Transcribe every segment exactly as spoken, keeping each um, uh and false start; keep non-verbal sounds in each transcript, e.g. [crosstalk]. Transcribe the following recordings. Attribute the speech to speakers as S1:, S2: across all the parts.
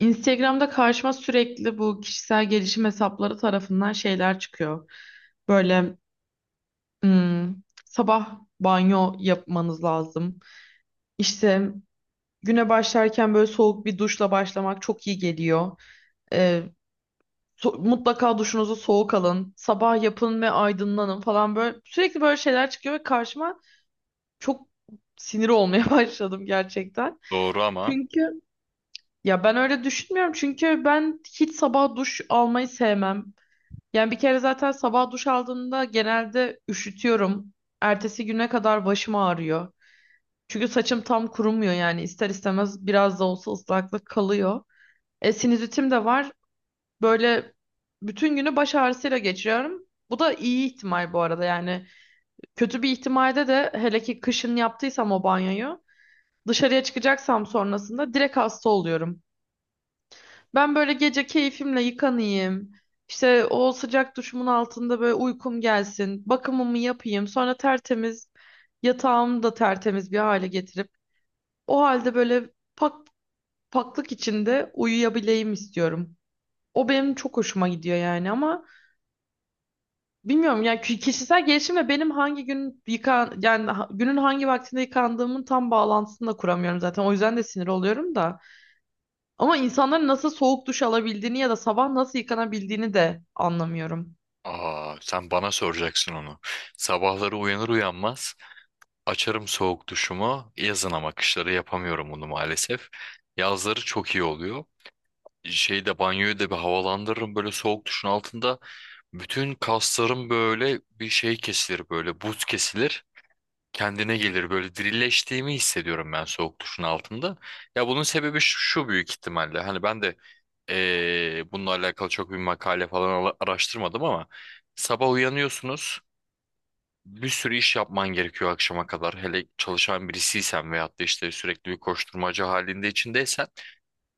S1: Instagram'da karşıma sürekli bu kişisel gelişim hesapları tarafından şeyler çıkıyor. Böyle hmm, sabah banyo yapmanız lazım. İşte güne başlarken böyle soğuk bir duşla başlamak çok iyi geliyor. Ee, so- Mutlaka duşunuzu soğuk alın. Sabah yapın ve aydınlanın falan böyle. Sürekli böyle şeyler çıkıyor ve karşıma çok sinir olmaya [laughs] başladım gerçekten.
S2: Doğru ama
S1: Çünkü Ya ben öyle düşünmüyorum. Çünkü ben hiç sabah duş almayı sevmem. Yani bir kere zaten sabah duş aldığımda genelde üşütüyorum. Ertesi güne kadar başım ağrıyor. Çünkü saçım tam kurumuyor yani ister istemez biraz da olsa ıslaklık kalıyor. E, sinüzitim de var. Böyle bütün günü baş ağrısıyla geçiriyorum. Bu da iyi ihtimal bu arada yani. Kötü bir ihtimalde de hele ki kışın yaptıysam o banyoyu dışarıya çıkacaksam sonrasında direkt hasta oluyorum. Ben böyle gece keyfimle yıkanayım. İşte o sıcak duşumun altında böyle uykum gelsin. Bakımımı yapayım. Sonra tertemiz yatağımı da tertemiz bir hale getirip o halde böyle pak paklık içinde uyuyabileyim istiyorum. O benim çok hoşuma gidiyor yani ama bilmiyorum yani ki- kişisel gelişimle benim hangi gün yıkan yani ha- günün hangi vaktinde yıkandığımın tam bağlantısını da kuramıyorum zaten. O yüzden de sinir oluyorum da. Ama insanların nasıl soğuk duş alabildiğini ya da sabah nasıl yıkanabildiğini de anlamıyorum.
S2: aa, sen bana soracaksın onu. Sabahları uyanır uyanmaz açarım soğuk duşumu. Yazın, ama kışları yapamıyorum bunu maalesef. Yazları çok iyi oluyor. Şeyde banyoyu da bir havalandırırım böyle soğuk duşun altında. Bütün kaslarım böyle bir şey kesilir, böyle buz kesilir, kendine gelir, böyle dirileştiğimi hissediyorum ben soğuk duşun altında. Ya bunun sebebi şu, şu büyük ihtimalle, hani ben de eee, bununla alakalı çok bir makale falan ala- araştırmadım, ama sabah uyanıyorsunuz, bir sürü iş yapman gerekiyor akşama kadar, hele çalışan birisiysen veyahut da işte sürekli bir koşturmaca halinde içindeysen,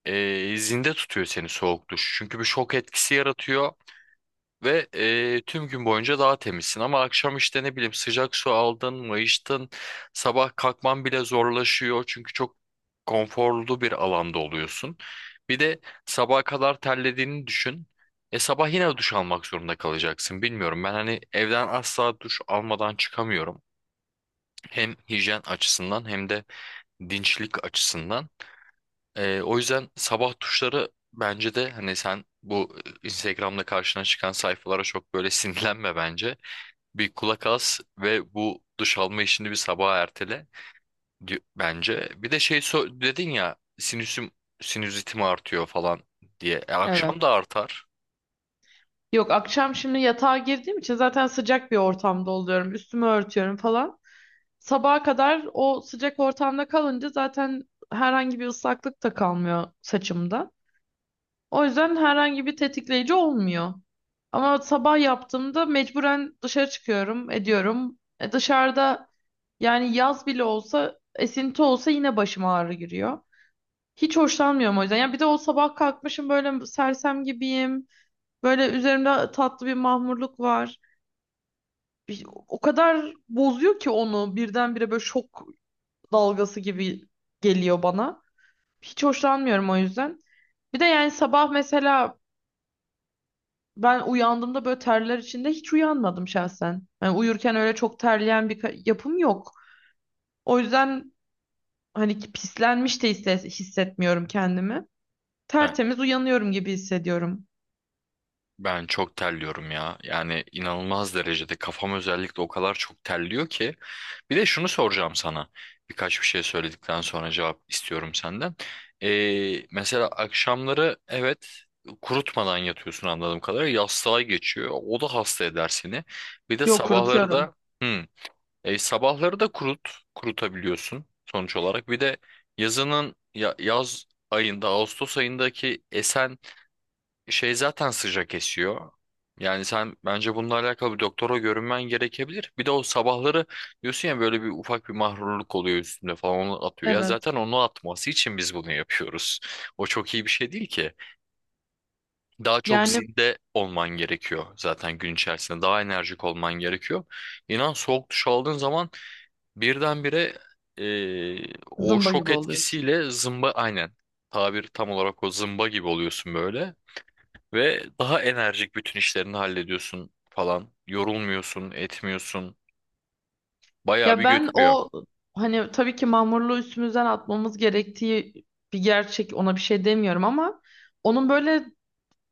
S2: eee zinde tutuyor seni soğuk duş, çünkü bir şok etkisi yaratıyor ve eee, tüm gün boyunca daha temizsin. Ama akşam işte, ne bileyim, sıcak su aldın, mayıştın, sabah kalkman bile zorlaşıyor, çünkü çok konforlu bir alanda oluyorsun. Bir de sabaha kadar terlediğini düşün. E, sabah yine duş almak zorunda kalacaksın. Bilmiyorum, ben hani evden asla duş almadan çıkamıyorum. Hem hijyen açısından, hem de dinçlik açısından. Ee, o yüzden sabah tuşları bence de, hani sen bu Instagram'da karşına çıkan sayfalara çok böyle [laughs] sinirlenme bence. Bir kulak as ve bu duş alma işini bir sabaha ertele di- bence. Bir de şey, so- dedin ya, sinüsüm sinüzitim artıyor falan diye. E,
S1: Evet.
S2: akşam da artar.
S1: Yok, akşam şimdi yatağa girdiğim için zaten sıcak bir ortamda oluyorum. Üstümü örtüyorum falan. Sabaha kadar o sıcak ortamda kalınca zaten herhangi bir ıslaklık da kalmıyor saçımda. O yüzden herhangi bir tetikleyici olmuyor. Ama sabah yaptığımda mecburen dışarı çıkıyorum, ediyorum. E dışarıda yani yaz bile olsa, esinti olsa yine başıma ağrı giriyor. Hiç hoşlanmıyorum o yüzden. Ya bir de o sabah kalkmışım böyle sersem gibiyim. Böyle üzerimde tatlı bir mahmurluk var. Bir- O kadar bozuyor ki onu birdenbire böyle şok dalgası gibi geliyor bana. Hiç hoşlanmıyorum o yüzden. Bir de yani sabah mesela ben uyandığımda böyle terler içinde hiç uyanmadım şahsen. Yani uyurken öyle çok terleyen bir ka- yapım yok. O yüzden hani ki pislenmiş de hisse- hissetmiyorum kendimi. Tertemiz uyanıyorum gibi hissediyorum.
S2: Ben çok terliyorum ya. Yani inanılmaz derecede kafam özellikle o kadar çok terliyor ki. Bir de şunu soracağım sana. Birkaç bir şey söyledikten sonra cevap istiyorum senden. Ee, mesela akşamları evet, kurutmadan yatıyorsun anladığım kadarıyla. Yastığa geçiyor. O da hasta eder seni. Bir de
S1: Yok,
S2: sabahları
S1: kurutuyorum.
S2: da, hı, e, sabahları da kurut kurutabiliyorsun sonuç olarak. Bir de yazının ya- yaz ayında, Ağustos ayındaki esen şey zaten sıcak esiyor. Yani sen bence bununla alakalı bir doktora görünmen gerekebilir. Bir de o sabahları diyorsun ya, böyle bir ufak bir mahrurluk oluyor üstünde falan, onu atıyor. Ya
S1: Evet.
S2: zaten onu atması için biz bunu yapıyoruz. O çok iyi bir şey değil ki. Daha çok, yani
S1: Yani
S2: zinde olman gerekiyor zaten gün içerisinde. Daha enerjik olman gerekiyor. İnan, soğuk duş aldığın zaman birdenbire, eee o
S1: zımba
S2: şok
S1: gibi oluyorsun.
S2: etkisiyle zımba, aynen, tabir tam olarak o, zımba gibi oluyorsun böyle. Ve daha enerjik bütün işlerini hallediyorsun falan. Yorulmuyorsun, etmiyorsun. Bayağı bir,
S1: Ya
S2: evet,
S1: ben
S2: götürüyor.
S1: o hani tabii ki mamurluğu üstümüzden atmamız gerektiği bir gerçek, ona bir şey demiyorum ama onun böyle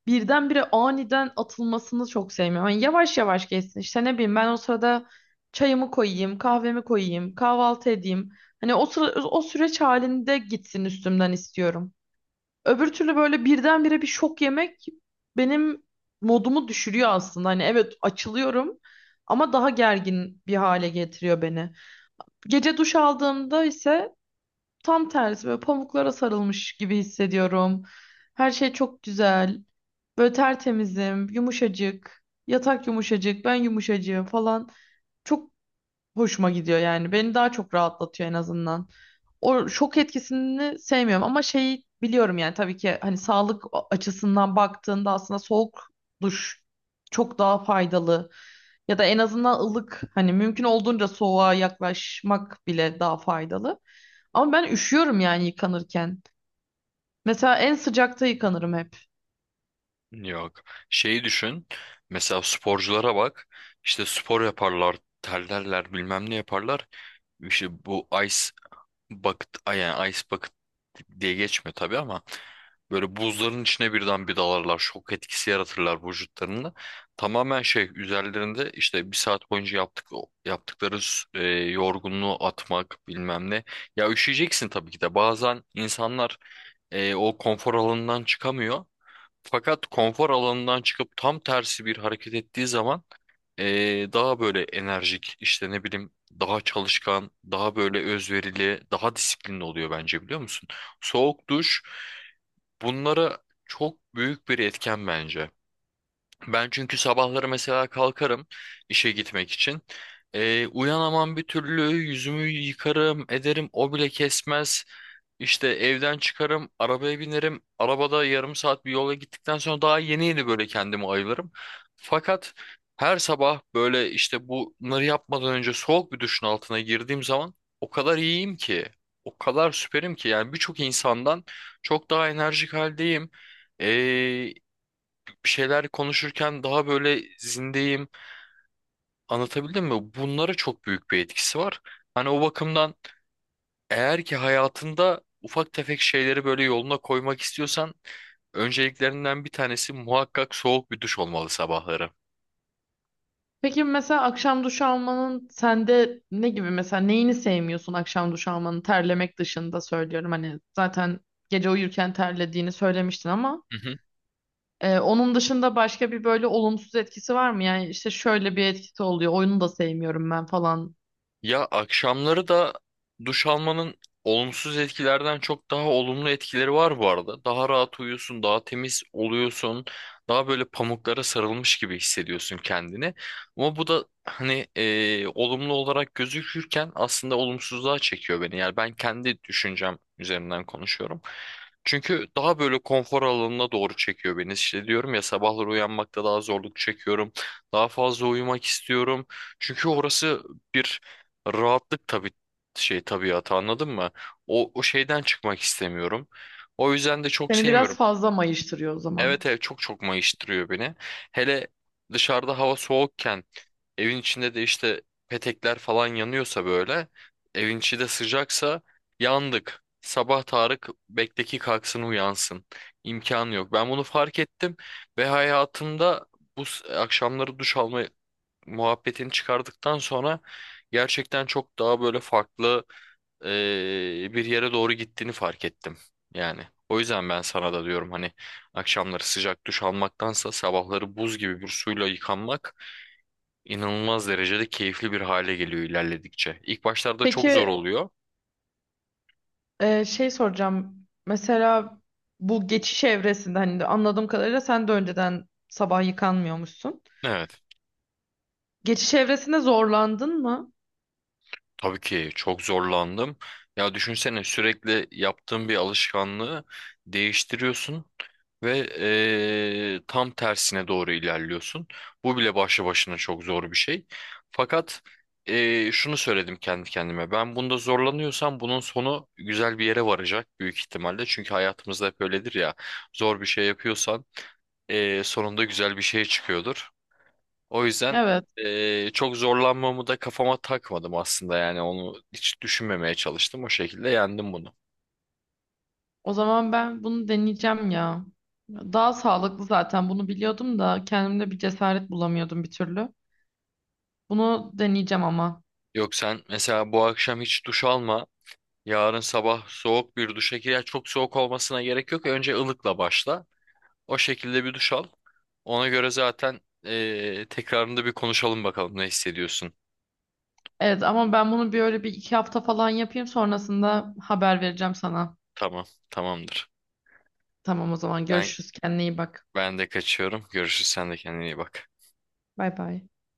S1: birdenbire aniden atılmasını çok sevmiyorum. Hani yavaş yavaş geçsin, işte ne bileyim ben o sırada çayımı koyayım, kahvemi koyayım, kahvaltı edeyim. Hani o sıra, o süreç halinde gitsin üstümden istiyorum. Öbür türlü böyle birdenbire bir şok yemek benim modumu düşürüyor aslında. Hani evet, açılıyorum ama daha gergin bir hale getiriyor beni. Gece duş aldığımda ise tam tersi böyle pamuklara sarılmış gibi hissediyorum. Her şey çok güzel. Böyle tertemizim, yumuşacık. Yatak yumuşacık, ben yumuşacığım falan. Çok hoşuma gidiyor yani. Beni daha çok rahatlatıyor en azından. O şok etkisini sevmiyorum ama şey biliyorum yani tabii ki hani sağlık açısından baktığında aslında soğuk duş çok daha faydalı. Ya da en azından ılık, hani mümkün olduğunca soğuğa yaklaşmak bile daha faydalı. Ama ben üşüyorum yani yıkanırken. Mesela en sıcakta yıkanırım hep.
S2: Yok. Şeyi düşün. Mesela sporculara bak. İşte spor yaparlar, terlerler, bilmem ne yaparlar. İşte bu ice bucket ay- yani ice bucket diye geçmiyor tabii, ama böyle buzların içine birden bir dalarlar. Şok etkisi yaratırlar vücutlarında. Tamamen şey üzerlerinde, işte bir saat boyunca yaptık yaptıkları, e, yorgunluğu atmak bilmem ne. Ya üşüyeceksin tabii ki de. Bazen insanlar, e, o konfor alanından çıkamıyor. Fakat konfor alanından çıkıp tam tersi bir hareket ettiği zaman, ee, daha böyle enerjik, işte ne bileyim, daha çalışkan, daha böyle özverili, daha disiplinli oluyor bence, biliyor musun? Soğuk duş bunlara çok büyük bir etken bence. Ben çünkü sabahları mesela kalkarım işe gitmek için. Ee, uyanamam bir türlü, yüzümü yıkarım ederim, o bile kesmez. İşte evden çıkarım, arabaya binerim. Arabada yarım saat bir yola gittikten sonra daha yeni yeni böyle kendimi ayılırım. Fakat her sabah böyle işte bunları yapmadan önce soğuk bir duşun altına girdiğim zaman, o kadar iyiyim ki. O kadar süperim ki, yani birçok insandan çok daha enerjik haldeyim, bir şeyler konuşurken daha böyle zindeyim. Anlatabildim mi? Bunlara çok büyük bir etkisi var. Hani o bakımdan, eğer ki hayatında ufak tefek şeyleri böyle yoluna koymak istiyorsan, önceliklerinden bir tanesi muhakkak soğuk bir duş olmalı sabahları.
S1: Peki, mesela akşam duş almanın sende ne gibi, mesela neyini sevmiyorsun akşam duş almanın terlemek dışında söylüyorum, hani zaten gece uyurken terlediğini söylemiştin ama
S2: Hı hı.
S1: e, onun dışında başka bir böyle olumsuz etkisi var mı? Yani işte şöyle bir etkisi oluyor oyunu da sevmiyorum ben falan.
S2: Ya akşamları da duş almanın olumsuz etkilerden çok daha olumlu etkileri var bu arada. Daha rahat uyuyorsun, daha temiz oluyorsun, daha böyle pamuklara sarılmış gibi hissediyorsun kendini. Ama bu da hani, eee, olumlu olarak gözükürken aslında olumsuzluğa çekiyor beni. Yani ben kendi düşüncem üzerinden konuşuyorum. Çünkü daha böyle konfor alanına doğru çekiyor beni. İşte diyorum ya, sabahları uyanmakta daha zorluk çekiyorum. Daha fazla uyumak istiyorum. Çünkü orası bir rahatlık tabii, şey, tabiatı, anladın mı? O, o şeyden çıkmak istemiyorum. O yüzden de çok
S1: Seni
S2: sevmiyorum.
S1: biraz fazla mayıştırıyor o zaman.
S2: Evet, evet, çok çok mayıştırıyor beni. Hele dışarıda hava soğukken, evin içinde de işte petekler falan yanıyorsa, böyle evin içi de sıcaksa, yandık. Sabah Tarık bekteki kalksın uyansın. İmkanı yok. Ben bunu fark ettim ve hayatımda bu s- akşamları duş alma muhabbetini çıkardıktan sonra gerçekten çok daha böyle farklı, eee, bir yere doğru gittiğini fark ettim. Yani o yüzden ben sana da diyorum, hani akşamları sıcak duş almaktansa sabahları buz gibi bir suyla yıkanmak inanılmaz derecede keyifli bir hale geliyor ilerledikçe. İlk başlarda çok zor
S1: Peki,
S2: oluyor.
S1: e, şey soracağım, mesela bu geçiş evresinde hani de anladığım kadarıyla sen de önceden sabah yıkanmıyormuşsun.
S2: Evet.
S1: Geçiş evresinde zorlandın mı?
S2: Tabii ki çok zorlandım. Ya düşünsene, sürekli yaptığın bir alışkanlığı değiştiriyorsun ve eee, tam tersine doğru ilerliyorsun. Bu bile başlı başına çok zor bir şey. Fakat eee, şunu söyledim kendi kendime. Ben bunda zorlanıyorsam bunun sonu güzel bir yere varacak büyük ihtimalle. Çünkü hayatımızda hep öyledir ya. Zor bir şey yapıyorsan eee, sonunda güzel bir şey çıkıyordur. O yüzden
S1: Evet.
S2: eee, çok zorlanmamı da kafama takmadım aslında, yani onu hiç düşünmemeye çalıştım. O şekilde yendim bunu.
S1: O zaman ben bunu deneyeceğim ya. Daha sağlıklı zaten, bunu biliyordum da kendimde bir cesaret bulamıyordum bir türlü. Bunu deneyeceğim ama.
S2: Yok, sen mesela bu akşam hiç duş alma. Yarın sabah soğuk bir duşa gir. Ya çok soğuk olmasına gerek yok. Önce ılıkla başla. O şekilde bir duş al. Ona göre zaten eee, tekrarında bir konuşalım bakalım ne hissediyorsun.
S1: Evet ama ben bunu bir öyle bir iki hafta falan yapayım, sonrasında haber vereceğim sana.
S2: Tamam, tamamdır.
S1: Tamam, o zaman
S2: Ben
S1: görüşürüz, kendine iyi bak.
S2: ben de kaçıyorum. Görüşürüz. Sen de kendine iyi bak.
S1: Bay bay.